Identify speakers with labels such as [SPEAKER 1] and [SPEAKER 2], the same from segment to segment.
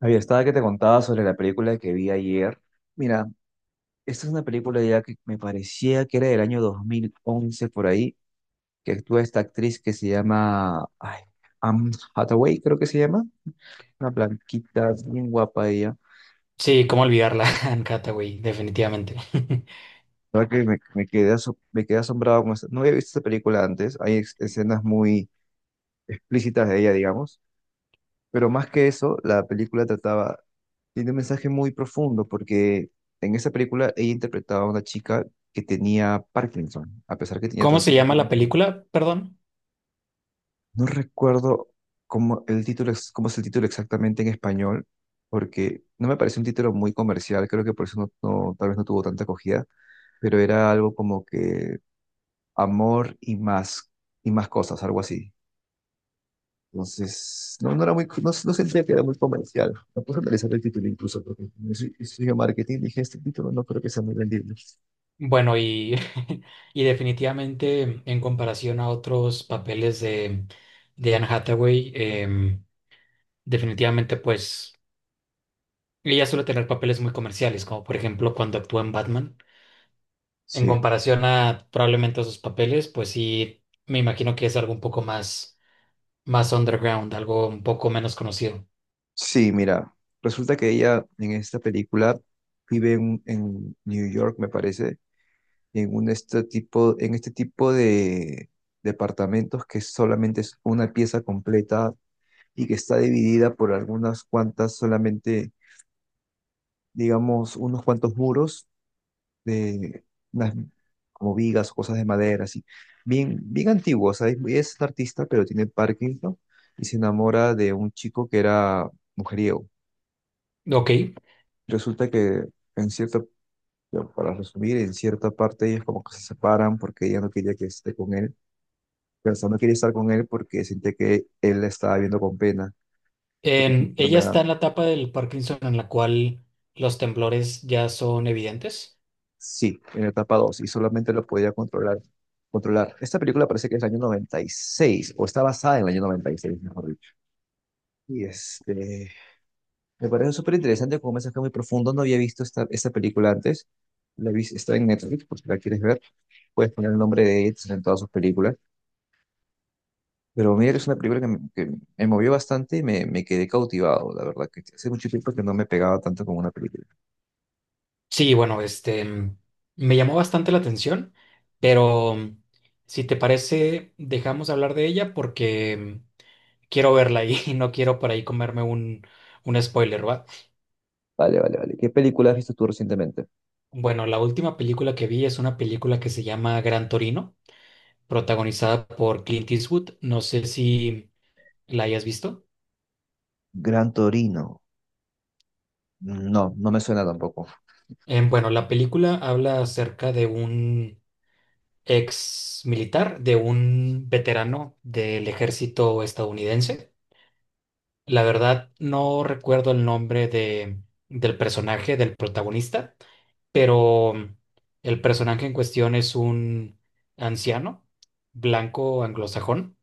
[SPEAKER 1] Había estaba que te contaba sobre la película que vi ayer. Mira, esta es una película ya que me parecía que era del año 2011 por ahí, que actúa esta actriz que se llama ay, Anne Hathaway, creo que se llama. Una blanquita, bien guapa ella.
[SPEAKER 2] Sí, cómo olvidarla, Anne Hathaway, definitivamente.
[SPEAKER 1] La verdad que me me quedé asombrado con esta. No había visto esta película antes. Hay escenas muy explícitas de ella, digamos. Pero más que eso, tiene un mensaje muy profundo porque en esa película ella interpretaba a una chica que tenía Parkinson, a pesar que tenía
[SPEAKER 2] ¿Cómo se llama la
[SPEAKER 1] trastorno.
[SPEAKER 2] película? Perdón.
[SPEAKER 1] No recuerdo cómo es el título exactamente en español, porque no me parece un título muy comercial, creo que por eso tal vez no tuvo tanta acogida, pero era algo como que amor y más cosas, algo así. Entonces, no era muy, no sentía que era muy comercial. Me puse a analizar el título incluso, porque si marketing, dije, este título no creo que sea muy vendible.
[SPEAKER 2] Bueno, y definitivamente en comparación a otros papeles de Anne Hathaway, definitivamente pues ella suele tener papeles muy comerciales, como por ejemplo cuando actuó en Batman. En
[SPEAKER 1] Sí,
[SPEAKER 2] comparación a probablemente a sus papeles, pues sí, me imagino que es algo un poco más, más underground, algo un poco menos conocido.
[SPEAKER 1] sí, mira, resulta que ella en esta película vive en New York, me parece, en este tipo de departamentos que solamente es una pieza completa y que está dividida por algunas cuantas, solamente, digamos, unos cuantos muros de unas como vigas o cosas de madera, así. Bien, bien antiguo, o sea, es un artista, pero tiene Parkinson, ¿no? Y se enamora de un chico que era mujeriego.
[SPEAKER 2] Ok.
[SPEAKER 1] Resulta que en cierta, ya, para resumir, en cierta parte ellos como que se separan porque ella no quería que esté con él, pero o sea, no quería estar con él porque sentía que él la estaba viendo con pena, porque es una
[SPEAKER 2] Ella
[SPEAKER 1] enfermedad.
[SPEAKER 2] está en la etapa del Parkinson en la cual los temblores ya son evidentes.
[SPEAKER 1] Sí, en la etapa 2 y solamente lo podía controlar. Controlar. Esta película parece que es del año 96 o está basada en el año 96 mejor dicho. Y este, me parece súper interesante como un mensaje muy profundo. No había visto esta película antes. La vi, está en Netflix, por si la quieres ver. Puedes poner el nombre de Eds en todas sus películas. Pero mira, es una película que me movió bastante y me quedé cautivado, la verdad, que hace mucho tiempo que no me pegaba tanto con una película.
[SPEAKER 2] Sí, bueno, me llamó bastante la atención, pero si te parece, dejamos hablar de ella porque quiero verla ahí y no quiero por ahí comerme un spoiler, ¿va?
[SPEAKER 1] Vale, vale, vale. ¿Qué película has visto tú recientemente?
[SPEAKER 2] Bueno, la última película que vi es una película que se llama Gran Torino, protagonizada por Clint Eastwood. No sé si la hayas visto.
[SPEAKER 1] Gran Torino. No, no me suena tampoco.
[SPEAKER 2] Bueno, la película habla acerca de un ex militar, de un veterano del ejército estadounidense. La verdad, no recuerdo el nombre del personaje, del protagonista, pero el personaje en cuestión es un anciano, blanco, anglosajón.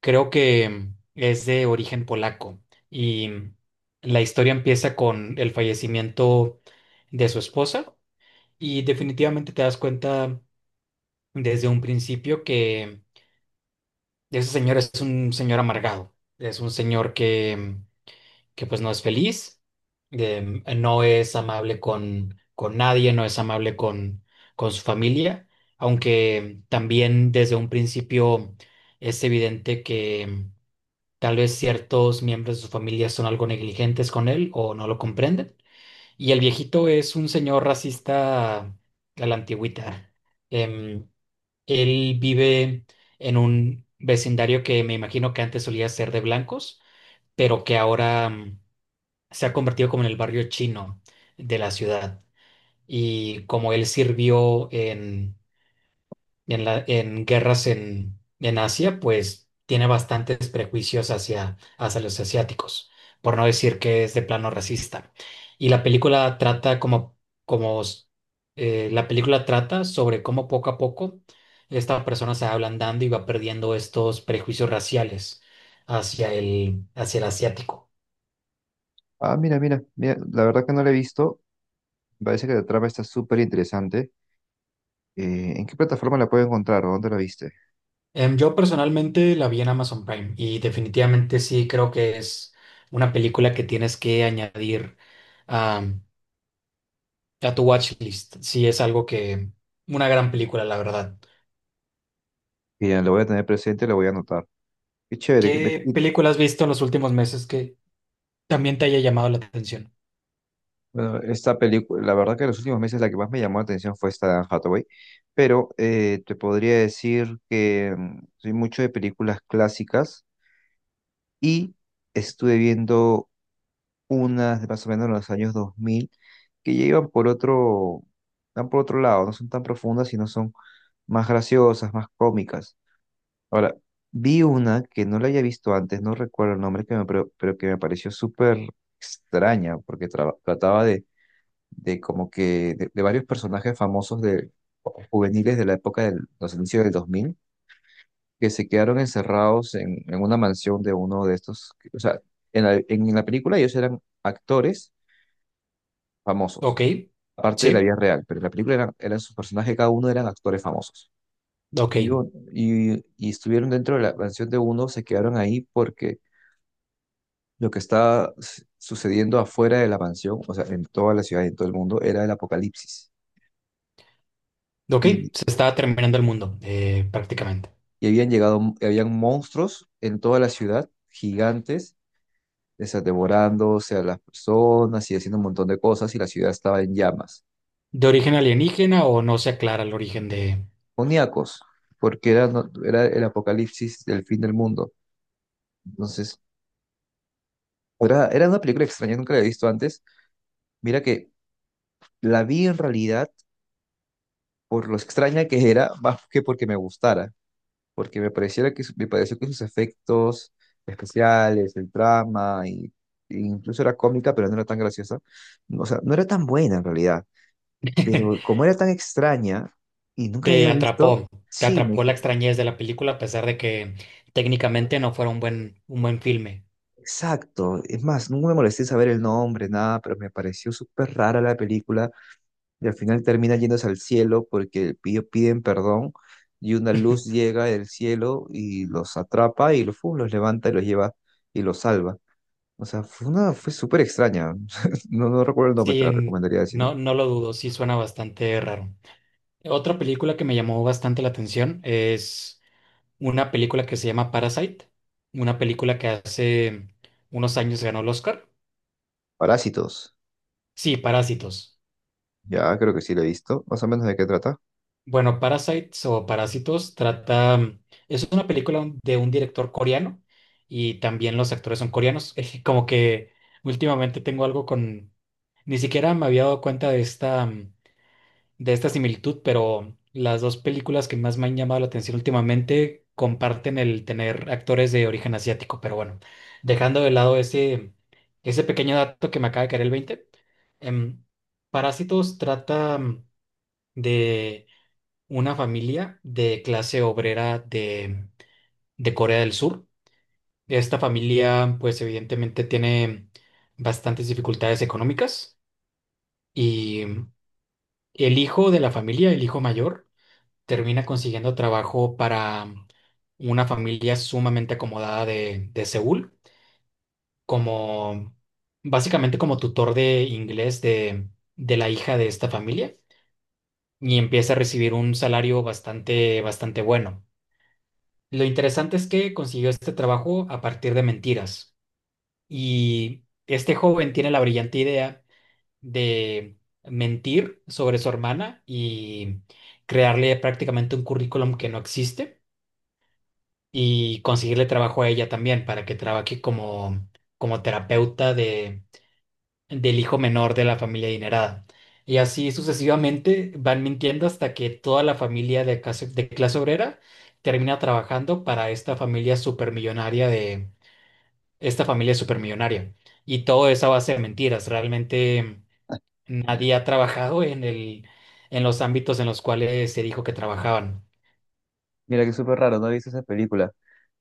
[SPEAKER 2] Creo que es de origen polaco y la historia empieza con el fallecimiento de su esposa y definitivamente te das cuenta desde un principio que ese señor es un señor amargado, es un señor que pues no es feliz, no es amable con nadie, no es amable con su familia, aunque también desde un principio es evidente que tal vez ciertos miembros de su familia son algo negligentes con él o no lo comprenden. Y el viejito es un señor racista a la antigüita. Em, él vive en un vecindario que me imagino que antes solía ser de blancos, pero que ahora se ha convertido como en el barrio chino de la ciudad. Y como él sirvió en guerras en Asia, pues tiene bastantes prejuicios hacia los asiáticos, por no decir que es de plano racista. Y la película trata como, como la película trata sobre cómo poco a poco esta persona se va ablandando y va perdiendo estos prejuicios raciales hacia hacia el asiático.
[SPEAKER 1] Ah, mira, mira, mira, la verdad que no la he visto. Me parece que la trama está súper interesante. ¿En qué plataforma la puedo encontrar o dónde la viste?
[SPEAKER 2] Yo personalmente la vi en Amazon Prime y definitivamente sí creo que es una película que tienes que añadir a tu watchlist, sí es algo una gran película, la verdad.
[SPEAKER 1] Y ya lo voy a tener presente, lo voy a anotar. Qué chévere.
[SPEAKER 2] ¿Qué película has visto en los últimos meses que también te haya llamado la atención?
[SPEAKER 1] Bueno, esta película, la verdad que en los últimos meses la que más me llamó la atención fue esta de Anne Hathaway, pero te podría decir que mm, soy mucho de películas clásicas y estuve viendo unas de más o menos en los años 2000 que ya van por otro lado, no son tan profundas, sino son más graciosas, más cómicas. Ahora, vi una que no la había visto antes, no recuerdo el nombre, pero que me pareció súper extraña, porque trataba de como que de varios personajes famosos de juveniles de la época de los inicios del 2000 que se quedaron encerrados en una mansión de uno de estos. O sea, en la película ellos eran actores
[SPEAKER 2] Ok,
[SPEAKER 1] famosos, aparte de la
[SPEAKER 2] sí,
[SPEAKER 1] vida real, pero en la película eran sus personajes, cada uno eran actores famosos.
[SPEAKER 2] ok,
[SPEAKER 1] Y estuvieron dentro de la mansión de uno, se quedaron ahí porque lo que está sucediendo afuera de la mansión, o sea, en toda la ciudad y en todo el mundo, era el apocalipsis.
[SPEAKER 2] ok,
[SPEAKER 1] Y,
[SPEAKER 2] se está terminando el mundo, prácticamente.
[SPEAKER 1] y habían monstruos en toda la ciudad, gigantes, o sea, devorándose a las personas y haciendo un montón de cosas, y la ciudad estaba en llamas.
[SPEAKER 2] ¿De origen alienígena o no se aclara el origen de...
[SPEAKER 1] Oníacos, porque era, no- era el apocalipsis del fin del mundo. Entonces, era una película extraña, nunca la había visto antes. Mira que la vi en realidad por lo extraña que era, más que porque me gustara. Porque me pareciera me pareció que sus efectos especiales, el drama, y, e incluso era cómica, pero no era tan graciosa, o sea, no era tan buena en realidad, pero como era tan extraña y nunca la
[SPEAKER 2] Te
[SPEAKER 1] había visto,
[SPEAKER 2] atrapó, te
[SPEAKER 1] sí, me,
[SPEAKER 2] atrapó la extrañez de la película a pesar de que técnicamente no fuera un buen filme.
[SPEAKER 1] exacto, es más, nunca me molesté en saber el nombre, nada, pero me pareció súper rara la película y al final termina yéndose al cielo porque piden perdón. Y una luz llega del cielo y los atrapa y los, ¡fum!, los levanta y los lleva y los salva. O sea, fue súper extraña. No, no recuerdo el nombre,
[SPEAKER 2] Sí,
[SPEAKER 1] te la recomendaría decir, ¿no?
[SPEAKER 2] no, no lo dudo, sí suena bastante raro. Otra película que me llamó bastante la atención es una película que se llama Parasite, una película que hace unos años ganó el Oscar.
[SPEAKER 1] Parásitos.
[SPEAKER 2] Sí, Parásitos.
[SPEAKER 1] Ya, creo que sí lo he visto. Más o menos de qué trata.
[SPEAKER 2] Bueno, Parasites o Parásitos trata, es una película de un director coreano y también los actores son coreanos. Como que últimamente tengo algo ni siquiera me había dado cuenta de esta de esta similitud, pero las dos películas que más me han llamado la atención últimamente comparten el tener actores de origen asiático, pero bueno, dejando de lado ese pequeño dato que me acaba de caer el 20, em, Parásitos trata de una familia de clase obrera de Corea del Sur. Esta familia, pues evidentemente tiene bastantes dificultades económicas y el hijo de la familia, el hijo mayor, termina consiguiendo trabajo para una familia sumamente acomodada de Seúl, como básicamente como tutor de inglés de la hija de esta familia y empieza a recibir un salario bastante, bastante bueno. Lo interesante es que consiguió este trabajo a partir de mentiras y este joven tiene la brillante idea de mentir sobre su hermana y crearle prácticamente un currículum que no existe y conseguirle trabajo a ella también para que trabaje como terapeuta del hijo menor de la familia adinerada. Y así sucesivamente van mintiendo hasta que toda la familia de clase obrera termina trabajando para esta familia supermillonaria de esta familia supermillonaria. Y todo es a base de mentiras. Realmente nadie ha trabajado en en los ámbitos en los cuales se dijo que trabajaban.
[SPEAKER 1] Mira, que súper raro, no he visto esa película.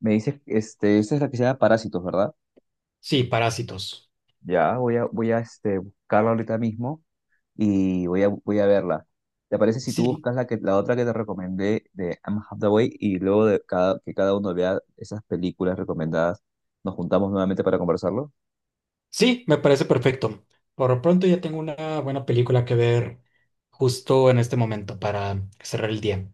[SPEAKER 1] Me dices, este, esta es la que se llama Parásitos, ¿verdad?
[SPEAKER 2] Sí, parásitos.
[SPEAKER 1] Ya, voy a buscarla ahorita mismo y voy a verla. ¿Te parece si tú
[SPEAKER 2] Sí,
[SPEAKER 1] buscas la otra que te recomendé de Anne Hathaway y luego que cada uno vea esas películas recomendadas, nos juntamos nuevamente para conversarlo?
[SPEAKER 2] sí, me parece perfecto. Por lo pronto ya tengo una buena película que ver justo en este momento para cerrar el día.